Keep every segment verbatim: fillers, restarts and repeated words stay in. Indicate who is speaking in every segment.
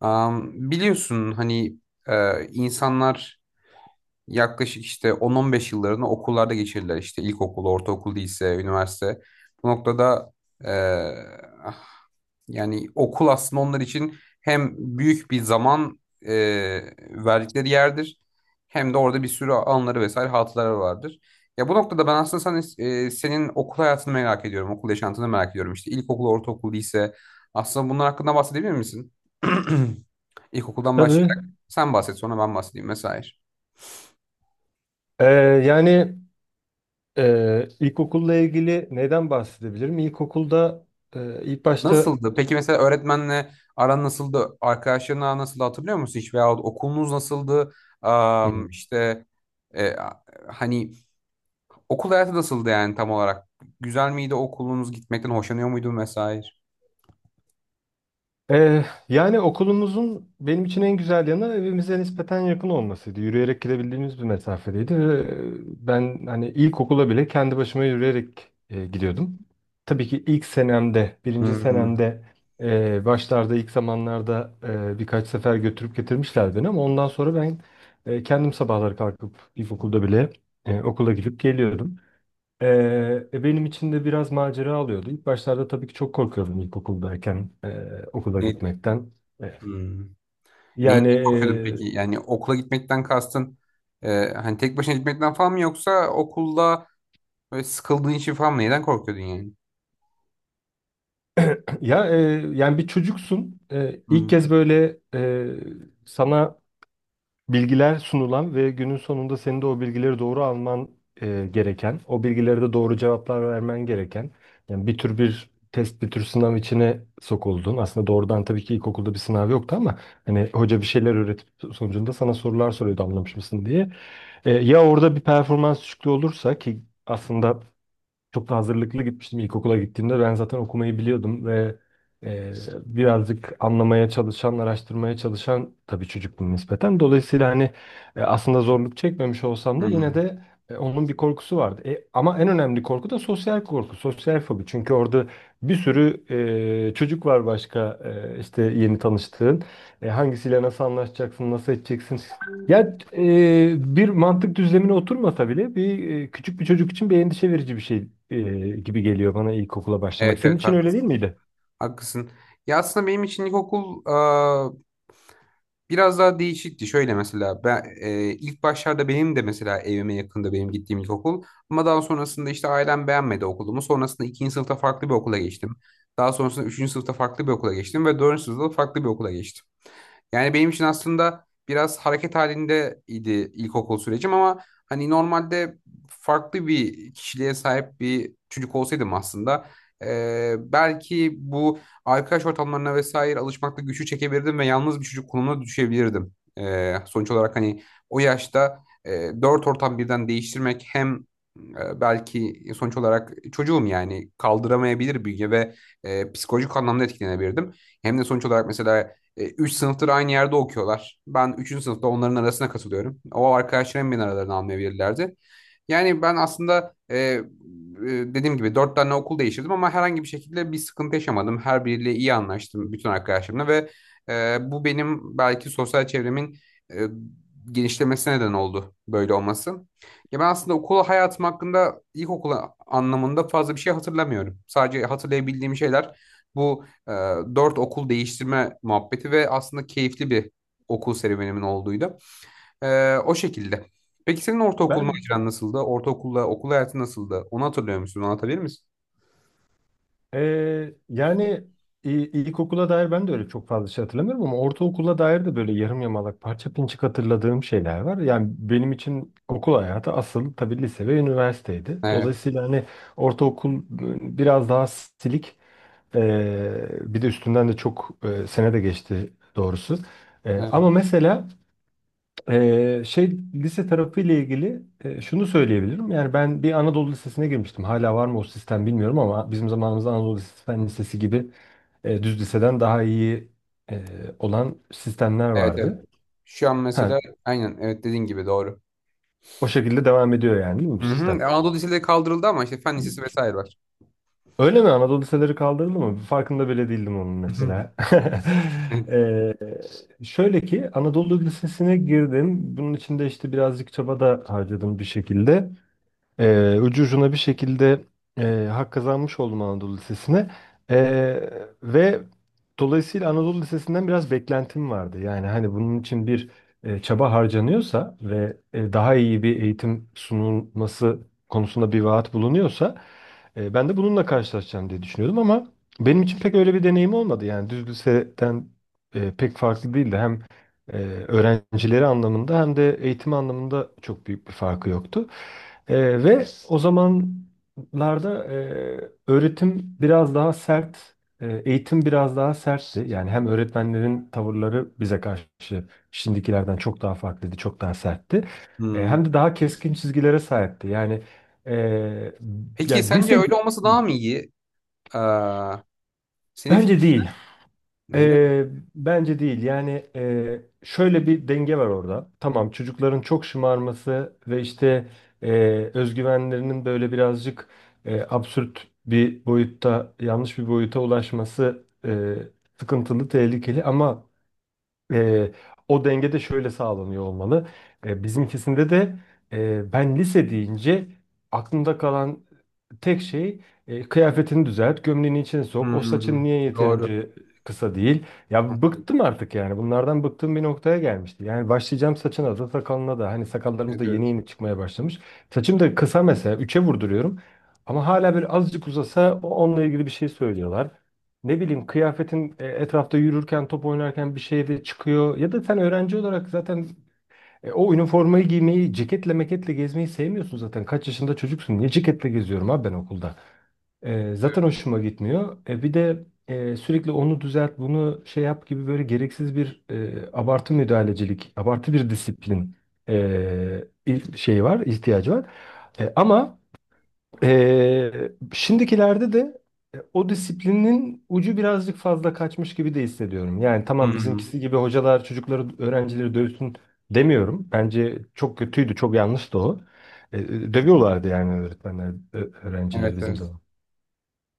Speaker 1: Am, biliyorsun hani e, insanlar yaklaşık işte on, on beş yıllarını okullarda geçirirler. İşte ilkokul, ortaokul değilse üniversite. Bu noktada eee, yani okul aslında onlar için hem büyük bir zaman eee, verdikleri yerdir, hem de orada bir sürü anıları vesaire hatıraları vardır. Ya bu noktada ben aslında sen, eee, senin okul hayatını merak ediyorum, okul yaşantını merak ediyorum. İşte ilkokul, ortaokul değilse aslında bunlar hakkında bahsedebilir misin? İlkokuldan
Speaker 2: Tabii.
Speaker 1: başlayarak sen bahset, sonra ben bahsedeyim vesaire.
Speaker 2: Ee, yani e, ilkokulla ilgili neyden bahsedebilirim? İlkokulda e, ilk başta
Speaker 1: Nasıldı? Peki mesela öğretmenle aran nasıldı? Arkadaşların aran nasıldı, hatırlıyor musun hiç? Veyahut okulunuz nasıldı? Am, işte e, hani okul hayatı nasıldı yani tam olarak? Güzel miydi okulunuz? Gitmekten hoşlanıyor muydun vesaire?
Speaker 2: Ee, yani okulumuzun benim için en güzel yanı evimize nispeten yakın olmasıydı. Yürüyerek gidebildiğimiz bir mesafedeydi ve e, ben hani ilkokula bile kendi başıma yürüyerek e, gidiyordum. Tabii ki ilk senemde, birinci
Speaker 1: Hmm.
Speaker 2: senemde e, başlarda ilk zamanlarda e, birkaç sefer götürüp getirmişler beni ama ondan sonra ben e, kendim sabahları kalkıp ilkokulda bile e, okula gidip geliyordum. Ee, e, Benim için de biraz macera alıyordu. İlk başlarda tabii ki çok korkuyordum ilkokuldayken e, okula
Speaker 1: Ne?
Speaker 2: gitmekten. Evet.
Speaker 1: Hmm. Neyinden
Speaker 2: Yani
Speaker 1: korkuyordun
Speaker 2: e,
Speaker 1: peki? Yani okula gitmekten kastın e, hani tek başına gitmekten falan mı, yoksa okulda böyle sıkıldığın için falan mı? Neden korkuyordun yani?
Speaker 2: ya e, yani bir çocuksun. E, ilk
Speaker 1: Hmm.
Speaker 2: kez böyle e, sana bilgiler sunulan ve günün sonunda senin de o bilgileri doğru alman e, gereken, o bilgilere de doğru cevaplar vermen gereken, yani bir tür bir test, bir tür sınav içine sokuldun. Aslında doğrudan tabii ki ilkokulda bir sınav yoktu ama hani hoca bir şeyler öğretip so-, sonucunda sana sorular soruyordu anlamış mısın diye. E, ya orada bir performans düşüklüğü olursa ki aslında çok da hazırlıklı gitmiştim ilkokula gittiğimde. Ben zaten okumayı biliyordum ve e, birazcık anlamaya çalışan, araştırmaya çalışan tabii çocuktum nispeten. Dolayısıyla hani e, aslında zorluk çekmemiş olsam da yine
Speaker 1: Hmm.
Speaker 2: de e, onun bir korkusu vardı. E, ama en önemli korku da sosyal korku, sosyal fobi. Çünkü orada bir sürü e, çocuk var başka e, işte yeni tanıştığın. E, hangisiyle nasıl anlaşacaksın, nasıl edeceksin? Ya e, bir mantık düzlemine oturmasa bile bir e, küçük bir çocuk için bir endişe verici bir şey e, gibi geliyor bana ilkokula başlamak.
Speaker 1: Evet,
Speaker 2: Senin
Speaker 1: evet,
Speaker 2: için
Speaker 1: hak-
Speaker 2: öyle değil miydi?
Speaker 1: haklısın. Ya aslında benim için ilkokul biraz daha değişikti. Şöyle mesela ben e, ilk başlarda, benim de mesela evime yakında benim gittiğim ilkokul. Ama daha sonrasında işte ailem beğenmedi okulumu. Sonrasında ikinci sınıfta farklı bir okula geçtim. Daha sonrasında üçüncü sınıfta farklı bir okula geçtim ve dördüncü sınıfta farklı bir okula geçtim. Yani benim için aslında biraz hareket halinde idi ilkokul sürecim, ama hani normalde farklı bir kişiliğe sahip bir çocuk olsaydım aslında e, belki bu arkadaş ortamlarına vesaire alışmakta güçü çekebilirdim ve yalnız bir çocuk konumuna düşebilirdim. Ee, sonuç olarak hani o yaşta e, dört ortam birden değiştirmek hem e, belki sonuç olarak çocuğum yani kaldıramayabilir bünye ve e, psikolojik anlamda etkilenebilirdim. Hem de sonuç olarak mesela e, üç sınıftır aynı yerde okuyorlar. Ben üçüncü sınıfta onların arasına katılıyorum. O arkadaşlarım beni aralarına almayabilirlerdi. Yani ben aslında e, e, dediğim gibi dört tane okul değiştirdim, ama herhangi bir şekilde bir sıkıntı yaşamadım. Her biriyle iyi anlaştım bütün arkadaşlarımla ve e, bu benim belki sosyal çevremin e, genişlemesine neden oldu böyle olması. Ya ben aslında okul hayatım hakkında ilkokul anlamında fazla bir şey hatırlamıyorum. Sadece hatırlayabildiğim şeyler bu e, dört okul değiştirme muhabbeti ve aslında keyifli bir okul serüvenimin olduğuydu. Ee, o şekilde. Peki senin ortaokul
Speaker 2: Ben
Speaker 1: maceran nasıldı? Ortaokulla okul hayatı nasıldı? Onu hatırlıyor musun? Onu anlatabilir misin?
Speaker 2: eee, yani i- ilkokula dair ben de öyle çok fazla şey hatırlamıyorum ama ortaokula dair de böyle yarım yamalak parça pinçik hatırladığım şeyler var. Yani benim için okul hayatı asıl tabii lise ve üniversiteydi.
Speaker 1: Evet,
Speaker 2: Dolayısıyla hani ortaokul e, biraz daha silik. Ee, bir de üstünden de çok e, sene de geçti doğrusu. Ee,
Speaker 1: evet,
Speaker 2: ama mesela e, şey lise tarafıyla ilgili e, şunu söyleyebilirim. Yani ben bir Anadolu Lisesi'ne girmiştim. Hala var mı o sistem bilmiyorum ama bizim zamanımızda Anadolu Lisesi, Fen Lisesi gibi e, düz liseden daha iyi e, olan sistemler
Speaker 1: evet, evet.
Speaker 2: vardı.
Speaker 1: Şu an mesela
Speaker 2: Ha,
Speaker 1: aynen, evet, dediğin gibi doğru.
Speaker 2: o şekilde devam ediyor yani değil mi bu
Speaker 1: Hı
Speaker 2: sistem?
Speaker 1: hı. Anadolu Liseleri kaldırıldı, ama işte Fen Lisesi vesaire var.
Speaker 2: Öyle mi? Anadolu liseleri kaldırıldı mı? Farkında bile değildim onun mesela.
Speaker 1: Evet.
Speaker 2: Şöyle ki Anadolu Lisesi'ne girdim. Bunun için de işte birazcık çaba da harcadım bir şekilde. Ee, ucu ucuna bir şekilde e, hak kazanmış oldum Anadolu Lisesi'ne. Ee, Ve dolayısıyla Anadolu Lisesi'nden biraz beklentim vardı. Yani hani bunun için bir e, çaba harcanıyorsa ve e, daha iyi bir eğitim sunulması konusunda bir vaat bulunuyorsa e, ben de bununla karşılaşacağım diye düşünüyordum ama benim için pek öyle bir deneyim olmadı. Yani düz liseden e, pek farklı değildi. Hem e, öğrencileri anlamında hem de eğitim anlamında çok büyük bir farkı yoktu. Ee, ve o zamanlarda e, öğretim biraz daha sert, e, eğitim biraz daha sertti. Yani hem öğretmenlerin tavırları bize karşı şimdikilerden çok daha farklıydı, çok daha sertti. E,
Speaker 1: Hmm.
Speaker 2: hem de daha keskin çizgilere sahipti. Yani e, ya
Speaker 1: Peki sence
Speaker 2: lise
Speaker 1: öyle olması daha mı iyi? Aa, senin
Speaker 2: bence
Speaker 1: fikrin
Speaker 2: değil.
Speaker 1: öyle mi?
Speaker 2: Ee, Bence değil. Yani e, şöyle bir denge var orada. Tamam, çocukların çok şımarması ve işte e, özgüvenlerinin böyle birazcık e, absürt bir boyutta, yanlış bir boyuta ulaşması e, sıkıntılı, tehlikeli. Ama e, o denge de şöyle sağlanıyor olmalı. E, bizimkisinde de e, ben lise deyince aklımda kalan tek şey e, kıyafetini düzelt, gömleğini içine sok. O
Speaker 1: Hmm.
Speaker 2: saçın niye
Speaker 1: Doğru.
Speaker 2: yeterince kısa değil? Ya bıktım artık yani. Bunlardan bıktığım bir noktaya gelmişti. Yani başlayacağım saçına da sakalına da. Hani sakallarımız
Speaker 1: Evet,
Speaker 2: da yeni
Speaker 1: evet.
Speaker 2: yeni çıkmaya başlamış. Saçım da kısa mesela. Üçe vurduruyorum. Ama hala bir azıcık uzasa o- onunla ilgili bir şey söylüyorlar. Ne bileyim kıyafetin e, etrafta yürürken, top oynarken bir şey de çıkıyor. Ya da sen öğrenci olarak zaten e, o üniformayı giymeyi, ceketle meketle gezmeyi sevmiyorsun zaten. Kaç yaşında çocuksun? Niye ceketle geziyorum abi ben okulda? E, zaten hoşuma gitmiyor. E, bir de e, sürekli onu düzelt, bunu şey yap gibi böyle gereksiz bir e, abartı müdahalecilik, abartı bir disiplin e, il- şey var, ihtiyacı var. E, ama ee, şimdikilerde de e, o disiplinin ucu birazcık fazla kaçmış gibi de hissediyorum. Yani tamam
Speaker 1: Hmm.
Speaker 2: bizimkisi gibi hocalar çocukları, öğrencileri dövsün demiyorum. Bence çok kötüydü, çok yanlıştı o. Ee, dövüyorlardı yani öğretmenler, ö-
Speaker 1: Evet,
Speaker 2: öğrencileri bizim
Speaker 1: evet.
Speaker 2: zaman.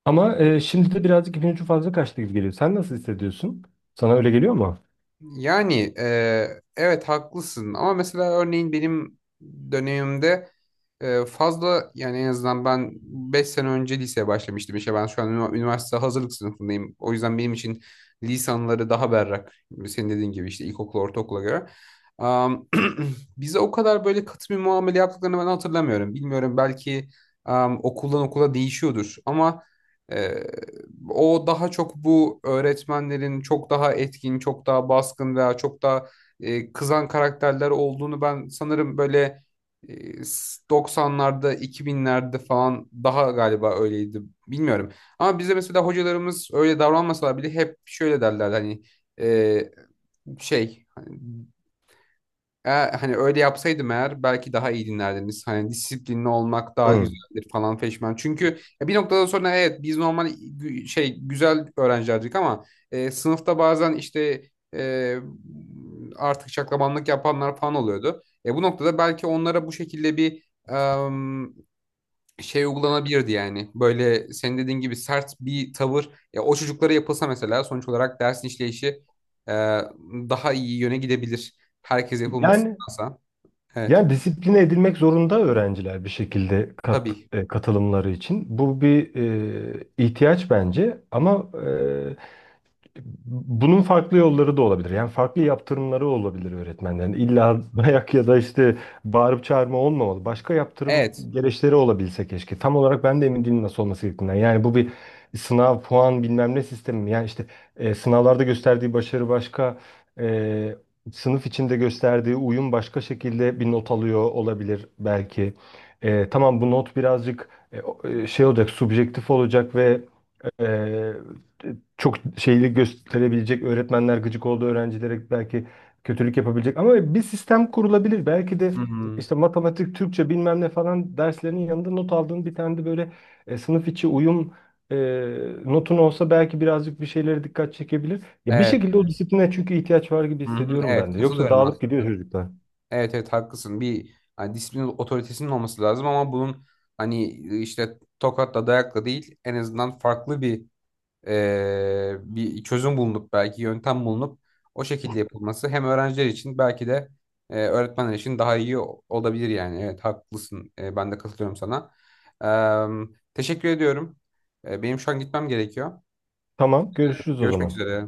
Speaker 2: Ama e, şimdi de birazcık ipin ucu fazla kaçtı gibi geliyor. Sen nasıl hissediyorsun? Sana öyle geliyor mu?
Speaker 1: Yani e, evet, haklısın, ama mesela örneğin benim dönemimde e, fazla yani, en azından ben beş sene önce liseye başlamıştım, işte ben şu an ünivers- üniversite hazırlık sınıfındayım. O yüzden benim için lisanları daha berrak senin dediğin gibi işte ilkokula ortaokula göre. Am, Bize o kadar böyle katı bir muamele yaptıklarını ben hatırlamıyorum. Bilmiyorum, belki am, okuldan okula değişiyordur ama... O daha çok bu öğretmenlerin çok daha etkin, çok daha baskın veya çok daha e, kızan karakterler olduğunu ben sanırım böyle e, s- doksanlarda, iki binlerde falan daha galiba öyleydi. Bilmiyorum. Ama bize mesela hocalarımız öyle davranmasalar bile hep şöyle derler hani e, şey, hani eğer, hani öyle yapsaydım eğer belki daha iyi dinlerdiniz. Hani disiplinli olmak daha
Speaker 2: Hı.
Speaker 1: güzeldir falan feşmen. Çünkü ya bir noktadan sonra evet, biz normal gü- şey güzel öğrencilerdik, ama e, sınıfta bazen işte e, artık şaklabanlık yapanlar falan oluyordu. E, bu noktada belki onlara bu şekilde bir şey uygulanabilirdi yani. Böyle senin dediğin gibi sert bir tavır ya o çocuklara yapılsa mesela, sonuç olarak dersin işleyişi e, daha iyi yöne gidebilir. Herkes
Speaker 2: Yani
Speaker 1: yapılmasındansa. Evet.
Speaker 2: Yani disipline edilmek zorunda öğrenciler bir şekilde kat,
Speaker 1: Tabii.
Speaker 2: e, katılımları için. Bu bir e, ihtiyaç bence ama e, bunun farklı yolları da olabilir. Yani farklı yaptırımları olabilir öğretmenlerin. İlla dayak ya da işte bağırıp çağırma olmamalı. Başka yaptırım
Speaker 1: Evet.
Speaker 2: gereçleri olabilse keşke. Tam olarak ben de emin değilim nasıl olması gerektiğinden. Yani bu bir sınav, puan bilmem ne sistemi. Mi? Yani işte e, sınavlarda gösterdiği başarı başka, e, sınıf içinde gösterdiği uyum başka şekilde bir not alıyor olabilir belki. E, tamam bu not birazcık e, o- e, şey olacak, subjektif olacak ve ee, çok şeylik gösterebilecek öğretmenler gıcık olduğu öğrencilere belki kötülük yapabilecek ama bir sistem kurulabilir. Belki de
Speaker 1: Hı-hı.
Speaker 2: işte matematik, Türkçe bilmem ne falan derslerinin yanında not aldığın bir tane de böyle e, sınıf içi uyum e, notun olsa belki birazcık bir şeylere dikkat çekebilir. Ya bir
Speaker 1: Evet.
Speaker 2: şekilde o disipline çünkü ihtiyaç var gibi
Speaker 1: Hı-hı.
Speaker 2: hissediyorum
Speaker 1: Evet.
Speaker 2: ben de. Yoksa
Speaker 1: Katılıyorum
Speaker 2: dağılıp
Speaker 1: aslında.
Speaker 2: gidiyor çocuklar.
Speaker 1: Evet, evet, haklısın. Bir hani disiplin otoritesinin olması lazım, ama bunun hani işte tokatla dayakla değil, en azından farklı bir e, bir çözüm bulunup, belki yöntem bulunup o şekilde yapılması hem öğrenciler için, belki de e, öğretmenler için daha iyi o- olabilir yani. Evet, haklısın. E, ben de katılıyorum sana. Em, Teşekkür ediyorum. E, benim şu an gitmem gerekiyor.
Speaker 2: Tamam, görüşürüz o
Speaker 1: Görüşmek
Speaker 2: zaman.
Speaker 1: üzere.